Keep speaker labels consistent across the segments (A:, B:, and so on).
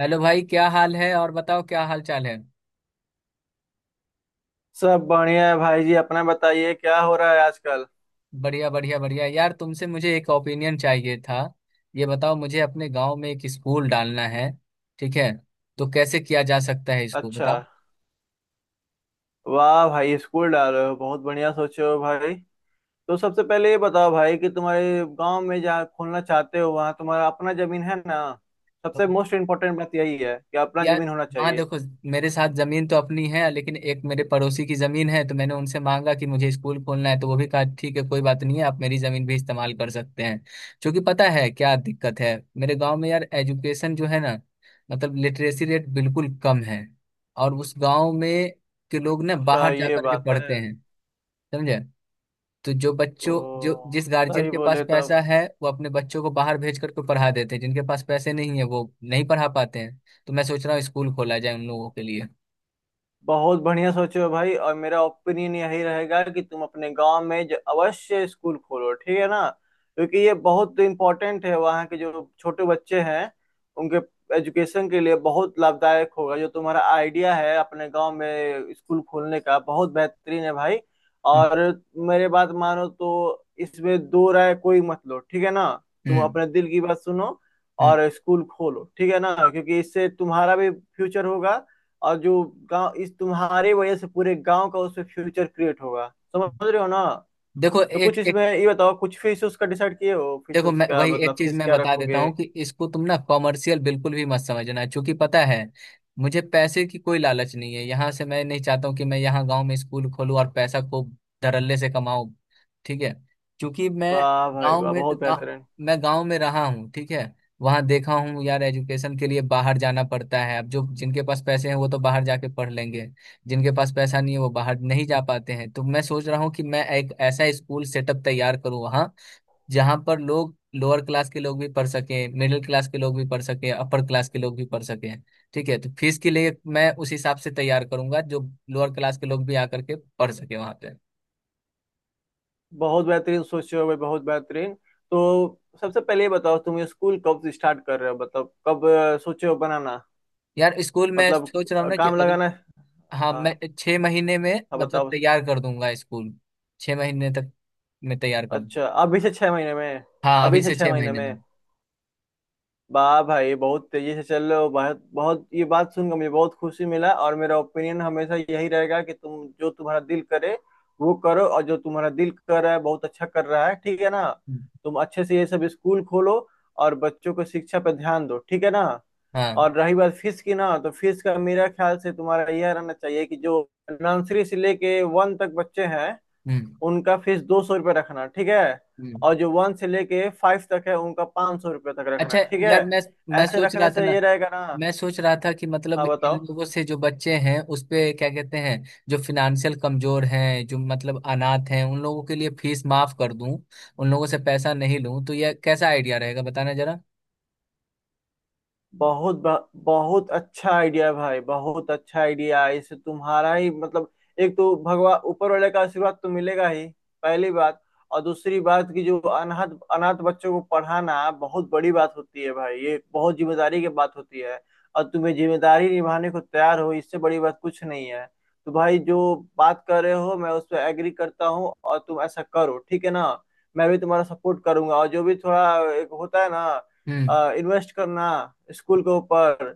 A: Hello भाई, क्या हाल है? और बताओ, क्या हाल चाल है?
B: सब बढ़िया है भाई जी। अपना बताइए क्या हो रहा है आजकल।
A: बढ़िया बढ़िया बढ़िया यार, तुमसे मुझे एक ओपिनियन चाहिए था। ये बताओ, मुझे अपने गांव में एक स्कूल डालना है, ठीक है? तो कैसे किया जा सकता है इसको
B: अच्छा।
A: बताओ।
B: वाह भाई, स्कूल डाल रहे हो, बहुत बढ़िया सोचे हो भाई। तो सबसे पहले ये बताओ भाई कि तुम्हारे गांव में जहाँ खोलना चाहते हो वहाँ तुम्हारा अपना जमीन है ना। सबसे मोस्ट इम्पोर्टेंट बात यही है कि अपना
A: यार,
B: जमीन होना
A: हाँ
B: चाहिए।
A: देखो, मेरे साथ जमीन तो अपनी है, लेकिन एक मेरे पड़ोसी की जमीन है, तो मैंने उनसे मांगा कि मुझे स्कूल खोलना है, तो वो भी कहा ठीक है, कोई बात नहीं है, आप मेरी जमीन भी इस्तेमाल कर सकते हैं। क्योंकि पता है क्या दिक्कत है मेरे गांव में यार, एजुकेशन जो है ना, मतलब लिटरेसी रेट बिल्कुल कम है। और उस गांव में के लोग ना
B: अच्छा
A: बाहर जा
B: ये
A: करके
B: बात है।
A: पढ़ते हैं, समझे? तो जो बच्चों जो
B: तो
A: जिस गार्जियन
B: सही
A: के पास
B: बोले तब।
A: पैसा है वो अपने बच्चों को बाहर भेज करके पढ़ा देते हैं, जिनके पास पैसे नहीं है वो नहीं पढ़ा पाते हैं। तो मैं सोच रहा हूँ स्कूल खोला जाए उन लोगों के लिए।
B: बहुत बढ़िया सोचे हो भाई। और मेरा ओपिनियन यही रहेगा कि तुम अपने गांव में अवश्य स्कूल खोलो, ठीक है ना। क्योंकि ये बहुत इम्पोर्टेंट है, वहाँ के जो छोटे बच्चे हैं उनके एजुकेशन के लिए बहुत लाभदायक होगा। जो तुम्हारा आइडिया है अपने गांव में स्कूल खोलने का बहुत बेहतरीन है भाई।
A: हम्म
B: और मेरे बात मानो तो इसमें दो राय कोई मत लो, ठीक है ना। तुम
A: हम्म
B: अपने दिल की बात सुनो और स्कूल खोलो, ठीक है ना। क्योंकि इससे तुम्हारा भी फ्यूचर होगा, और जो गांव इस तुम्हारे वजह से पूरे गांव का उसमें फ्यूचर क्रिएट होगा।
A: हम्म।
B: समझ रहे हो ना।
A: देखो,
B: तो कुछ
A: एक एक
B: इसमें ये बताओ, कुछ फिश उसका डिसाइड किए हो? फिश
A: देखो, मैं
B: उसका
A: वही
B: मतलब
A: एक चीज
B: फिश
A: मैं
B: क्या
A: बता देता
B: रखोगे?
A: हूँ कि इसको तुम ना कॉमर्शियल बिल्कुल भी मत समझना, क्योंकि पता है, मुझे पैसे की कोई लालच नहीं है, यहाँ से मैं नहीं चाहता हूँ कि मैं यहाँ गांव में स्कूल खोलूँ और पैसा खूब धड़ल्ले से कमाऊँ, ठीक है? क्योंकि मैं
B: वाह भाई
A: गांव
B: वाह,
A: में
B: बहुत बेहतरीन।
A: मैं गांव में रहा हूँ, ठीक है। वहां देखा हूँ यार, एजुकेशन के लिए बाहर जाना पड़ता है। अब जो जिनके पास पैसे हैं वो तो बाहर जाके पढ़ लेंगे, जिनके पास पैसा नहीं है वो बाहर नहीं जा पाते हैं। तो मैं सोच रहा हूँ कि मैं एक ऐसा स्कूल सेटअप तैयार करूँ वहाँ, जहाँ पर लोग लोअर क्लास के लोग भी पढ़ सकें, मिडिल क्लास के लोग भी पढ़ सकें, अपर क्लास के लोग भी पढ़ सकें। ठीक है, तो फीस के लिए मैं उस हिसाब से तैयार करूंगा जो लोअर क्लास के लोग भी आकर के पढ़ सके वहां पे।
B: बहुत बेहतरीन सोचे हो भाई, बहुत बेहतरीन। तो सबसे पहले ये बताओ तुम ये स्कूल कब से स्टार्ट कर रहे हो? मतलब कब सोचे हो बनाना।
A: यार स्कूल में
B: मतलब
A: सोच रहा हूँ ना कि
B: काम
A: अगले,
B: लगाना है।
A: हाँ
B: हाँ।
A: मैं 6 महीने में
B: हाँ
A: मतलब
B: बताओ।
A: तैयार कर दूंगा स्कूल। 6 महीने तक मैं तैयार करूँ।
B: अच्छा, अभी से 6 महीने में।
A: हाँ अभी
B: अभी से
A: से
B: छह
A: छह
B: महीने
A: महीने में।
B: में। वाह भाई, बहुत तेजी से चल रहे हो। बहुत बहुत ये बात सुनकर मुझे बहुत खुशी मिला। और मेरा ओपिनियन हमेशा यही रहेगा कि तुम जो तुम्हारा दिल करे वो करो, और जो तुम्हारा दिल कर रहा है बहुत अच्छा कर रहा है, ठीक है ना।
A: हम्म,
B: तुम अच्छे से ये सब स्कूल खोलो और बच्चों को शिक्षा पर ध्यान दो, ठीक है ना।
A: हाँ।
B: और रही बात फीस की ना, तो फीस का मेरा ख्याल से तुम्हारा यह रहना चाहिए कि जो नर्सरी से लेके वन तक बच्चे हैं
A: हम्म।
B: उनका फीस 200 रुपये रखना, ठीक है।
A: हम्म।
B: और जो वन से लेके फाइव तक है उनका 500 रुपये तक रखना,
A: अच्छा,
B: ठीक है।
A: यार मैं
B: ऐसे
A: सोच रहा
B: रखने
A: था
B: से
A: ना
B: ये रहेगा ना।
A: मैं सोच रहा था कि मतलब
B: हाँ
A: इन
B: बताओ।
A: लोगों से जो बच्चे हैं उस पे क्या कहते हैं, जो फिनेंशियल कमजोर हैं, जो मतलब अनाथ हैं, उन लोगों के लिए फीस माफ कर दूं, उन लोगों से पैसा नहीं लूं, तो यह कैसा आइडिया रहेगा बताना जरा।
B: बहुत अच्छा आइडिया भाई, बहुत अच्छा आइडिया है। इससे तुम्हारा ही मतलब एक तो भगवान ऊपर वाले का आशीर्वाद तो मिलेगा ही, पहली बात। और दूसरी बात कि जो अनाथ अनाथ बच्चों को पढ़ाना बहुत बड़ी बात होती है भाई। ये बहुत जिम्मेदारी की बात होती है। और तुम्हें जिम्मेदारी निभाने को तैयार हो, इससे बड़ी बात कुछ नहीं है। तो भाई जो बात कर रहे हो मैं उस पर एग्री करता हूँ और तुम ऐसा करो, ठीक है ना। मैं भी तुम्हारा सपोर्ट करूंगा, और जो भी थोड़ा एक होता है ना
A: हम्म।
B: इन्वेस्ट करना स्कूल के ऊपर,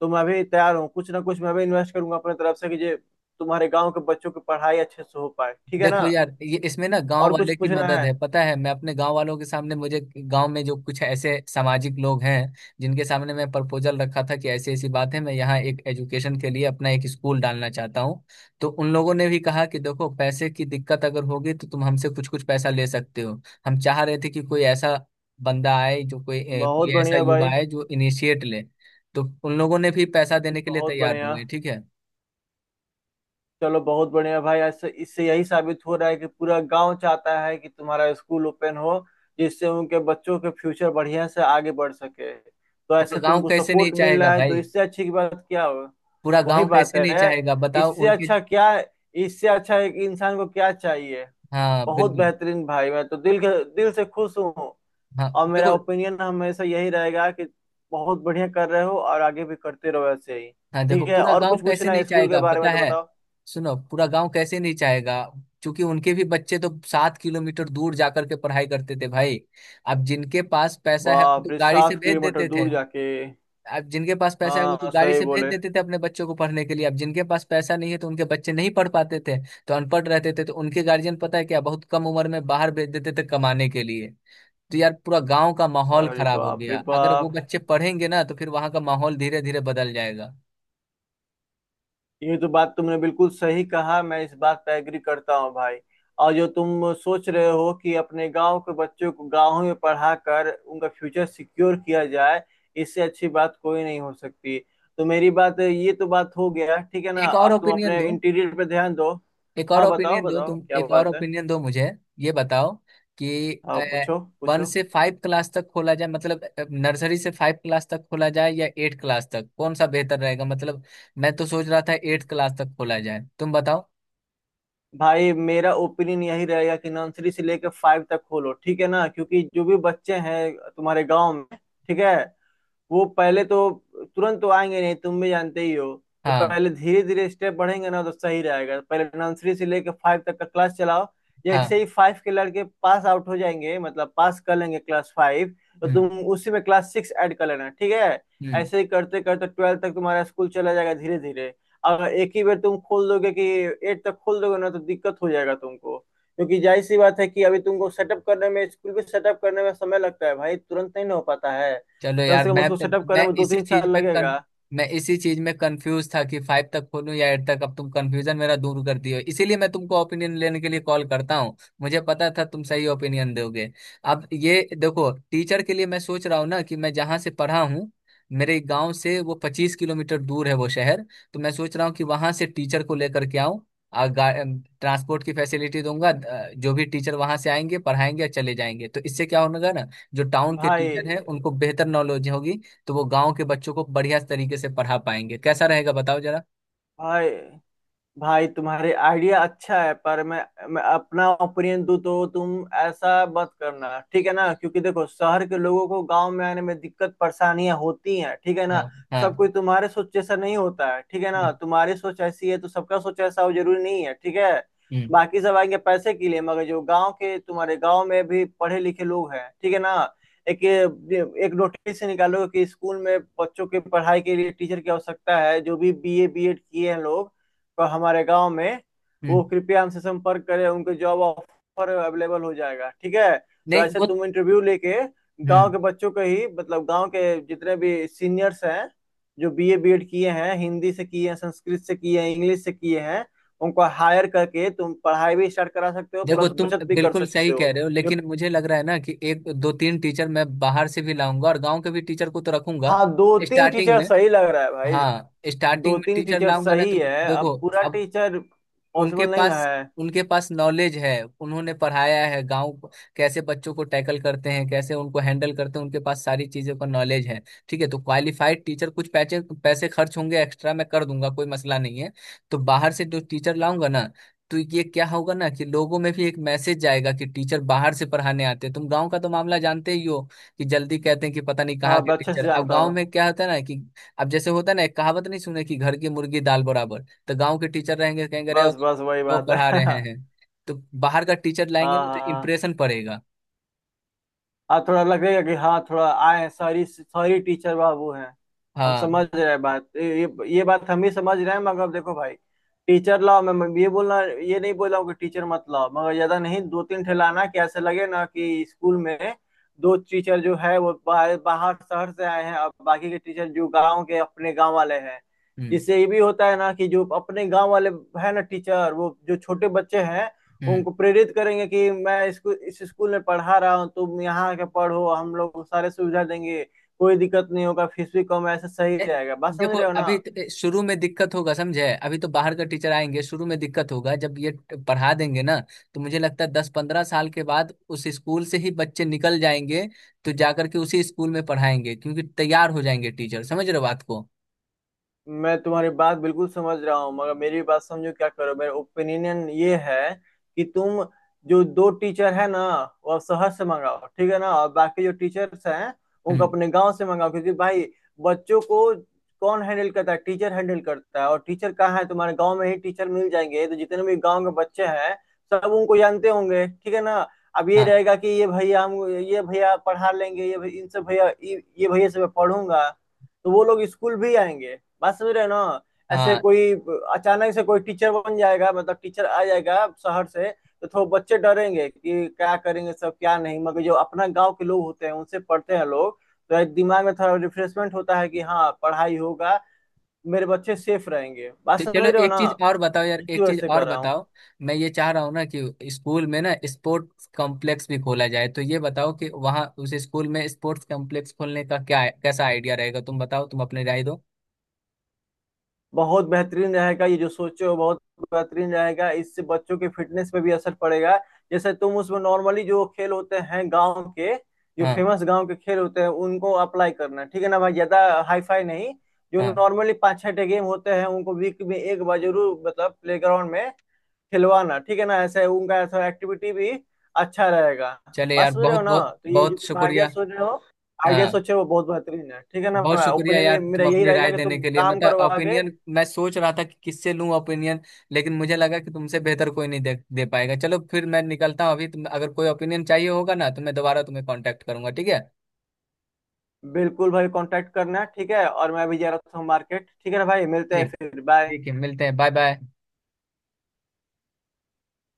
B: तो मैं भी तैयार हूँ, कुछ ना कुछ मैं भी इन्वेस्ट करूंगा अपने तरफ से कि जे तुम्हारे गांव के बच्चों की पढ़ाई अच्छे से हो पाए, ठीक है ना।
A: देखो यार, ये इसमें ना गांव
B: और कुछ
A: वाले की
B: पूछना
A: मदद है,
B: है?
A: पता है? मैं अपने गांव वालों के सामने, मुझे गांव में जो कुछ ऐसे सामाजिक लोग हैं जिनके सामने मैं प्रपोजल रखा था कि ऐसी ऐसी बात है, मैं यहाँ एक एजुकेशन के लिए अपना एक स्कूल डालना चाहता हूँ, तो उन लोगों ने भी कहा कि देखो, पैसे की दिक्कत अगर होगी तो तुम हमसे कुछ कुछ पैसा ले सकते हो, हम चाह रहे थे कि कोई ऐसा बंदा आए, जो कोई
B: बहुत
A: कोई ऐसा
B: बढ़िया
A: युवा
B: भाई,
A: आए जो इनिशिएट ले। तो उन लोगों ने भी पैसा देने के लिए
B: बहुत
A: तैयार हो
B: बढ़िया।
A: गए, ठीक है।
B: चलो बहुत बढ़िया भाई। ऐसे इससे यही साबित हो रहा है कि पूरा गांव चाहता है कि तुम्हारा स्कूल ओपन हो, जिससे उनके बच्चों के फ्यूचर बढ़िया से आगे बढ़ सके। तो
A: पूरा
B: ऐसे
A: गाँव
B: तुमको
A: कैसे नहीं
B: सपोर्ट मिल
A: चाहेगा
B: रहा है, तो
A: भाई?
B: इससे अच्छी की बात क्या हो।
A: पूरा
B: वही
A: गांव
B: बात
A: कैसे नहीं
B: है,
A: चाहेगा बताओ
B: इससे
A: उनके।
B: अच्छा क्या, इससे अच्छा एक इंसान को क्या चाहिए।
A: हाँ
B: बहुत
A: बिल्कुल।
B: बेहतरीन भाई, मैं तो दिल के दिल से खुश हूँ।
A: हाँ
B: और मेरा
A: देखो।
B: ओपिनियन हमेशा यही रहेगा कि बहुत बढ़िया कर रहे हो, और आगे भी करते रहो ऐसे ही।
A: हाँ देखो,
B: ठीक है,
A: पूरा
B: और
A: गांव
B: कुछ
A: कैसे
B: पूछना
A: नहीं
B: है स्कूल के
A: चाहेगा
B: बारे में
A: पता
B: तो
A: है?
B: बताओ।
A: सुनो, पूरा गांव कैसे नहीं चाहेगा, क्योंकि उनके भी बच्चे तो 7 किलोमीटर दूर जाकर के पढ़ाई करते थे भाई। अब जिनके पास पैसा है वो
B: बाप
A: तो
B: रे,
A: गाड़ी से
B: सात
A: भेज
B: किलोमीटर
A: देते थे।
B: दूर जाके।
A: अब जिनके पास पैसा है वो तो
B: हाँ
A: गाड़ी
B: सही
A: से भेज
B: बोले।
A: देते थे अपने बच्चों को पढ़ने के लिए, अब जिनके पास पैसा नहीं है तो उनके बच्चे नहीं पढ़ पाते थे, तो अनपढ़ रहते थे, तो उनके गार्जियन पता है क्या, बहुत कम उम्र में बाहर भेज देते थे कमाने के लिए। तो यार पूरा गांव का माहौल
B: अरे
A: खराब हो
B: बाप रे
A: गया। अगर वो
B: बाप,
A: बच्चे पढ़ेंगे ना तो फिर वहां का माहौल धीरे धीरे बदल जाएगा।
B: ये तो बात तुमने बिल्कुल सही कहा, मैं इस बात पे एग्री करता हूँ भाई। और जो तुम सोच रहे हो कि अपने गांव के बच्चों को गांव में पढ़ा कर उनका फ्यूचर सिक्योर किया जाए, इससे अच्छी बात कोई नहीं हो सकती। तो मेरी बात, ये तो बात हो गया, ठीक है ना।
A: एक और
B: अब तुम
A: ओपिनियन
B: अपने
A: दो,
B: इंटीरियर पे ध्यान दो।
A: एक और
B: हाँ बताओ
A: ओपिनियन दो
B: बताओ,
A: तुम,
B: क्या
A: एक और
B: बात है।
A: ओपिनियन दो मुझे। ये बताओ कि
B: हाँ पूछो
A: वन
B: पूछो।
A: से फाइव क्लास तक खोला जाए, मतलब नर्सरी से फाइव क्लास तक खोला जाए या एट क्लास तक, कौन सा बेहतर रहेगा? मतलब मैं तो सोच रहा था एट क्लास तक खोला जाए, तुम बताओ।
B: भाई मेरा ओपिनियन यही रहेगा कि नर्सरी से लेकर फाइव तक खोलो, ठीक है ना। क्योंकि जो भी बच्चे हैं तुम्हारे गांव में, ठीक है, वो पहले तो तुरंत तो आएंगे नहीं, तुम भी जानते ही हो। तो
A: हाँ।
B: पहले धीरे धीरे स्टेप बढ़ेंगे ना, तो सही रहेगा, पहले नर्सरी से लेकर फाइव तक का क्लास चलाओ। जैसे
A: हाँ।
B: ही फाइव के लड़के पास आउट हो जाएंगे, मतलब पास कर लेंगे क्लास फाइव, तो
A: हम्म।
B: तुम उसी में क्लास सिक्स ऐड कर लेना, ठीक है।
A: हम्म।
B: ऐसे ही करते करते ट्वेल्थ तक तुम्हारा स्कूल चला जाएगा धीरे धीरे। अगर एक ही बार तुम खोल दोगे कि एट तक खोल दोगे ना, तो दिक्कत हो जाएगा तुमको। क्योंकि जाहिर सी बात है कि अभी तुमको सेटअप करने में, स्कूल भी सेटअप करने में समय लगता है भाई, तुरंत नहीं ना हो पाता है।
A: चलो
B: कम
A: यार,
B: से कम उसको सेटअप करने
A: मैं
B: में दो
A: इसी
B: तीन
A: चीज
B: साल
A: में कन
B: लगेगा।
A: मैं इसी चीज में कंफ्यूज था कि फाइव तक खोलूं या एट तक। अब तुम कंफ्यूजन मेरा दूर कर दिए हो। इसीलिए मैं तुमको ओपिनियन लेने के लिए कॉल करता हूँ, मुझे पता था तुम सही ओपिनियन दोगे। अब ये देखो, टीचर के लिए मैं सोच रहा हूँ ना, कि मैं जहाँ से पढ़ा हूँ, मेरे गांव से वो 25 किलोमीटर दूर है वो शहर, तो मैं सोच रहा हूँ कि वहां से टीचर को लेकर के आऊँ और ट्रांसपोर्ट की फैसिलिटी दूंगा। जो भी टीचर वहां से आएंगे पढ़ाएंगे और चले जाएंगे, तो इससे क्या होगा ना, जो टाउन के
B: भाई
A: टीचर हैं उनको बेहतर नॉलेज होगी, तो वो गांव के बच्चों को बढ़िया तरीके से पढ़ा पाएंगे। कैसा रहेगा बताओ जरा।
B: भाई भाई, तुम्हारे आइडिया अच्छा है, पर मैं अपना ओपिनियन दूं तो तुम ऐसा मत करना, ठीक है ना। क्योंकि देखो शहर के लोगों को गांव में आने में दिक्कत परेशानियां होती हैं, ठीक है ना।
A: हाँ। हाँ।
B: सब कोई तुम्हारे सोच जैसा नहीं होता है, ठीक है ना।
A: हम्म।
B: तुम्हारी सोच ऐसी है तो सबका सोच ऐसा हो जरूरी नहीं है, ठीक है।
A: हम्म।
B: बाकी सब आएंगे पैसे के लिए, मगर जो गांव के तुम्हारे गांव में भी पढ़े लिखे लोग हैं, ठीक है ना। एक एक नोटिस निकालो कि स्कूल में बच्चों के पढ़ाई के लिए टीचर की आवश्यकता है, जो भी बीए बीएड किए हैं लोग पर हमारे गांव में
A: हम्म।
B: वो कृपया हमसे संपर्क करें, उनके जॉब ऑफर अवेलेबल हो जाएगा, ठीक है। तो
A: नहीं
B: ऐसे
A: वो,
B: तुम इंटरव्यू लेके गांव
A: हम्म,
B: के बच्चों को ही, मतलब गांव के जितने भी सीनियर्स हैं जो बीए बीएड किए हैं, हिंदी से किए हैं, संस्कृत से किए हैं, इंग्लिश से किए हैं, उनको हायर करके तुम पढ़ाई भी स्टार्ट करा सकते हो,
A: देखो
B: प्लस
A: तुम
B: बचत भी कर
A: बिल्कुल सही
B: सकते
A: कह
B: हो।
A: रहे हो,
B: जो
A: लेकिन मुझे लग रहा है ना कि एक दो तीन टीचर मैं बाहर से भी लाऊंगा और गांव के भी टीचर को तो रखूंगा।
B: हाँ, दो तीन
A: स्टार्टिंग
B: टीचर
A: में,
B: सही लग रहा है भाई।
A: हाँ स्टार्टिंग
B: दो
A: में
B: तीन
A: टीचर
B: टीचर
A: लाऊंगा ना
B: सही
A: तो,
B: है, अब
A: देखो
B: पूरा
A: अब,
B: टीचर
A: उनके
B: पॉसिबल नहीं ना
A: पास,
B: है।
A: उनके पास नॉलेज है, उन्होंने पढ़ाया है, कैसे बच्चों को टैकल करते हैं, कैसे उनको हैंडल करते हैं, उनके पास सारी चीजों का नॉलेज है, ठीक है। तो क्वालिफाइड टीचर, कुछ पैसे पैसे खर्च होंगे एक्स्ट्रा, मैं कर दूंगा, कोई मसला नहीं है। तो बाहर से जो टीचर लाऊंगा ना, तो ये क्या होगा ना कि लोगों में भी एक मैसेज जाएगा कि टीचर बाहर से पढ़ाने आते हैं। तुम गांव का तो मामला जानते ही हो, कि जल्दी कहते हैं कि पता नहीं कहाँ
B: हाँ
A: के
B: मैं अच्छे से
A: टीचर। अब
B: जानता
A: गांव
B: हूँ।
A: में क्या होता है ना कि, अब जैसे होता है ना, एक कहावत नहीं सुने कि घर की मुर्गी दाल बराबर। तो गांव के टीचर रहेंगे कहेंगे अरे
B: बस बस वही
A: वो
B: बात है
A: पढ़ा रहे
B: हाँ।
A: हैं, तो बाहर का टीचर लाएंगे ना तो
B: हाँ
A: इम्प्रेशन पड़ेगा।
B: हाँ थोड़ा लगेगा कि हाँ थोड़ा आए, सॉरी सॉरी टीचर बाबू हैं। हम
A: हाँ।
B: समझ रहे हैं बात, ये बात हम भी समझ रहे हैं, मगर देखो भाई, टीचर लाओ, मैं ये बोलना, ये नहीं बोल रहा हूँ कि टीचर मत लाओ, मगर ज्यादा नहीं, दो तीन ठे लाना, कि ऐसे लगे ना कि स्कूल में दो टीचर जो है वो बाहर बाहर शहर से आए हैं, और बाकी के टीचर जो गांव के अपने गांव वाले हैं।
A: हम्म।
B: जिससे ये भी होता है ना कि जो अपने गांव वाले है ना टीचर, वो जो छोटे बच्चे हैं
A: हम्म।
B: उनको प्रेरित करेंगे कि मैं इसको इस स्कूल में पढ़ा रहा हूँ, तुम यहाँ आके पढ़ो, हम लोग सारे सुविधा देंगे, कोई दिक्कत नहीं होगा, फीस भी कम है, ऐसे सही
A: ए-
B: रहेगा। बात
A: देखो
B: समझ रहे हो ना।
A: अभी शुरू में दिक्कत होगा, समझे? अभी तो बाहर का टीचर आएंगे, शुरू में दिक्कत होगा, जब ये पढ़ा देंगे ना, तो मुझे लगता है 10-15 साल के बाद उस स्कूल से ही बच्चे निकल जाएंगे, तो जाकर के उसी स्कूल में पढ़ाएंगे, क्योंकि तैयार हो जाएंगे टीचर, समझ रहे हो बात को?
B: मैं तुम्हारी बात बिल्कुल समझ रहा हूँ मगर मेरी बात समझो, क्या करो, मेरा ओपिनियन ये है कि तुम जो दो टीचर है ना, वो अब शहर से मंगाओ, ठीक है ना। और बाकी जो टीचर्स हैं उनको
A: हम्म।
B: अपने गांव से मंगाओ, क्योंकि भाई बच्चों को कौन हैंडल करता है, टीचर हैंडल करता है। और टीचर कहाँ है, तुम्हारे गांव में ही टीचर मिल जाएंगे। तो जितने भी गांव के बच्चे हैं सब उनको जानते होंगे, ठीक है ना। अब ये
A: हाँ।
B: रहेगा कि ये भैया, हम ये भैया पढ़ा लेंगे, ये भैया, इनसे भैया, ये भैया से मैं पढ़ूंगा, तो वो लोग स्कूल भी आएंगे। बस मेरे ना, ऐसे
A: हाँ।
B: कोई अचानक से कोई टीचर बन जाएगा, मतलब टीचर आ जाएगा शहर से, तो थोड़ा बच्चे डरेंगे कि क्या करेंगे सब क्या नहीं। मगर जो अपना गांव के लोग होते हैं उनसे पढ़ते हैं लोग, तो एक दिमाग में थोड़ा रिफ्रेशमेंट होता है कि हाँ पढ़ाई होगा, मेरे बच्चे सेफ रहेंगे। बात
A: तो चलो
B: समझ रहे हो
A: एक
B: ना,
A: चीज और बताओ यार,
B: इसी
A: एक
B: वजह
A: चीज
B: से
A: और
B: कर रहा हूँ।
A: बताओ। मैं ये चाह रहा हूँ ना कि स्कूल में ना स्पोर्ट्स कॉम्प्लेक्स भी खोला जाए, तो ये बताओ कि वहाँ उस स्कूल में स्पोर्ट्स कॉम्प्लेक्स खोलने का क्या कैसा आइडिया रहेगा, तुम बताओ, तुम अपनी राय दो।
B: बहुत बेहतरीन रहेगा ये जो सोचे हो, बहुत बेहतरीन रहेगा, इससे बच्चों के फिटनेस पे भी असर पड़ेगा। जैसे तुम उसमें नॉर्मली जो खेल होते हैं गांव के, जो
A: हाँ।
B: फेमस गांव के खेल होते हैं उनको अप्लाई करना, ठीक है ना भाई, ज्यादा हाईफाई नहीं। जो
A: हाँ।
B: नॉर्मली पाँच छह गेम होते हैं उनको वीक में एक बार जरूर, मतलब प्लेग्राउंड में खिलवाना, ठीक है ना। ऐसे उनका ऐसा एक्टिविटी भी अच्छा रहेगा।
A: चले
B: बात
A: यार,
B: समझ रहे
A: बहुत
B: हो ना।
A: बहुत
B: तो ये जो
A: बहुत
B: तुम आइडिया
A: शुक्रिया।
B: सोच रहे हो, आइडिया
A: हाँ।
B: सोचे वो बहुत बेहतरीन है, ठीक है
A: बहुत
B: ना।
A: शुक्रिया यार
B: ओपिनियन
A: तुम
B: मेरा यही
A: अपनी
B: रहेगा
A: राय
B: कि तुम
A: देने के लिए,
B: काम
A: मतलब
B: करो आगे।
A: ओपिनियन। मैं सोच रहा था कि किससे लूं ओपिनियन, लेकिन मुझे लगा कि तुमसे बेहतर कोई नहीं दे पाएगा। चलो फिर मैं निकलता हूँ अभी। तुम अगर कोई ओपिनियन चाहिए होगा ना तो मैं दोबारा तुम्हें कांटेक्ट करूंगा, ठीक है?
B: बिल्कुल भाई, कांटेक्ट करना, ठीक है। और मैं भी जा रहा था मार्केट, ठीक है ना भाई, मिलते हैं
A: ठीक।
B: फिर। बाय।
A: ठीक है, मिलते हैं। Bye bye.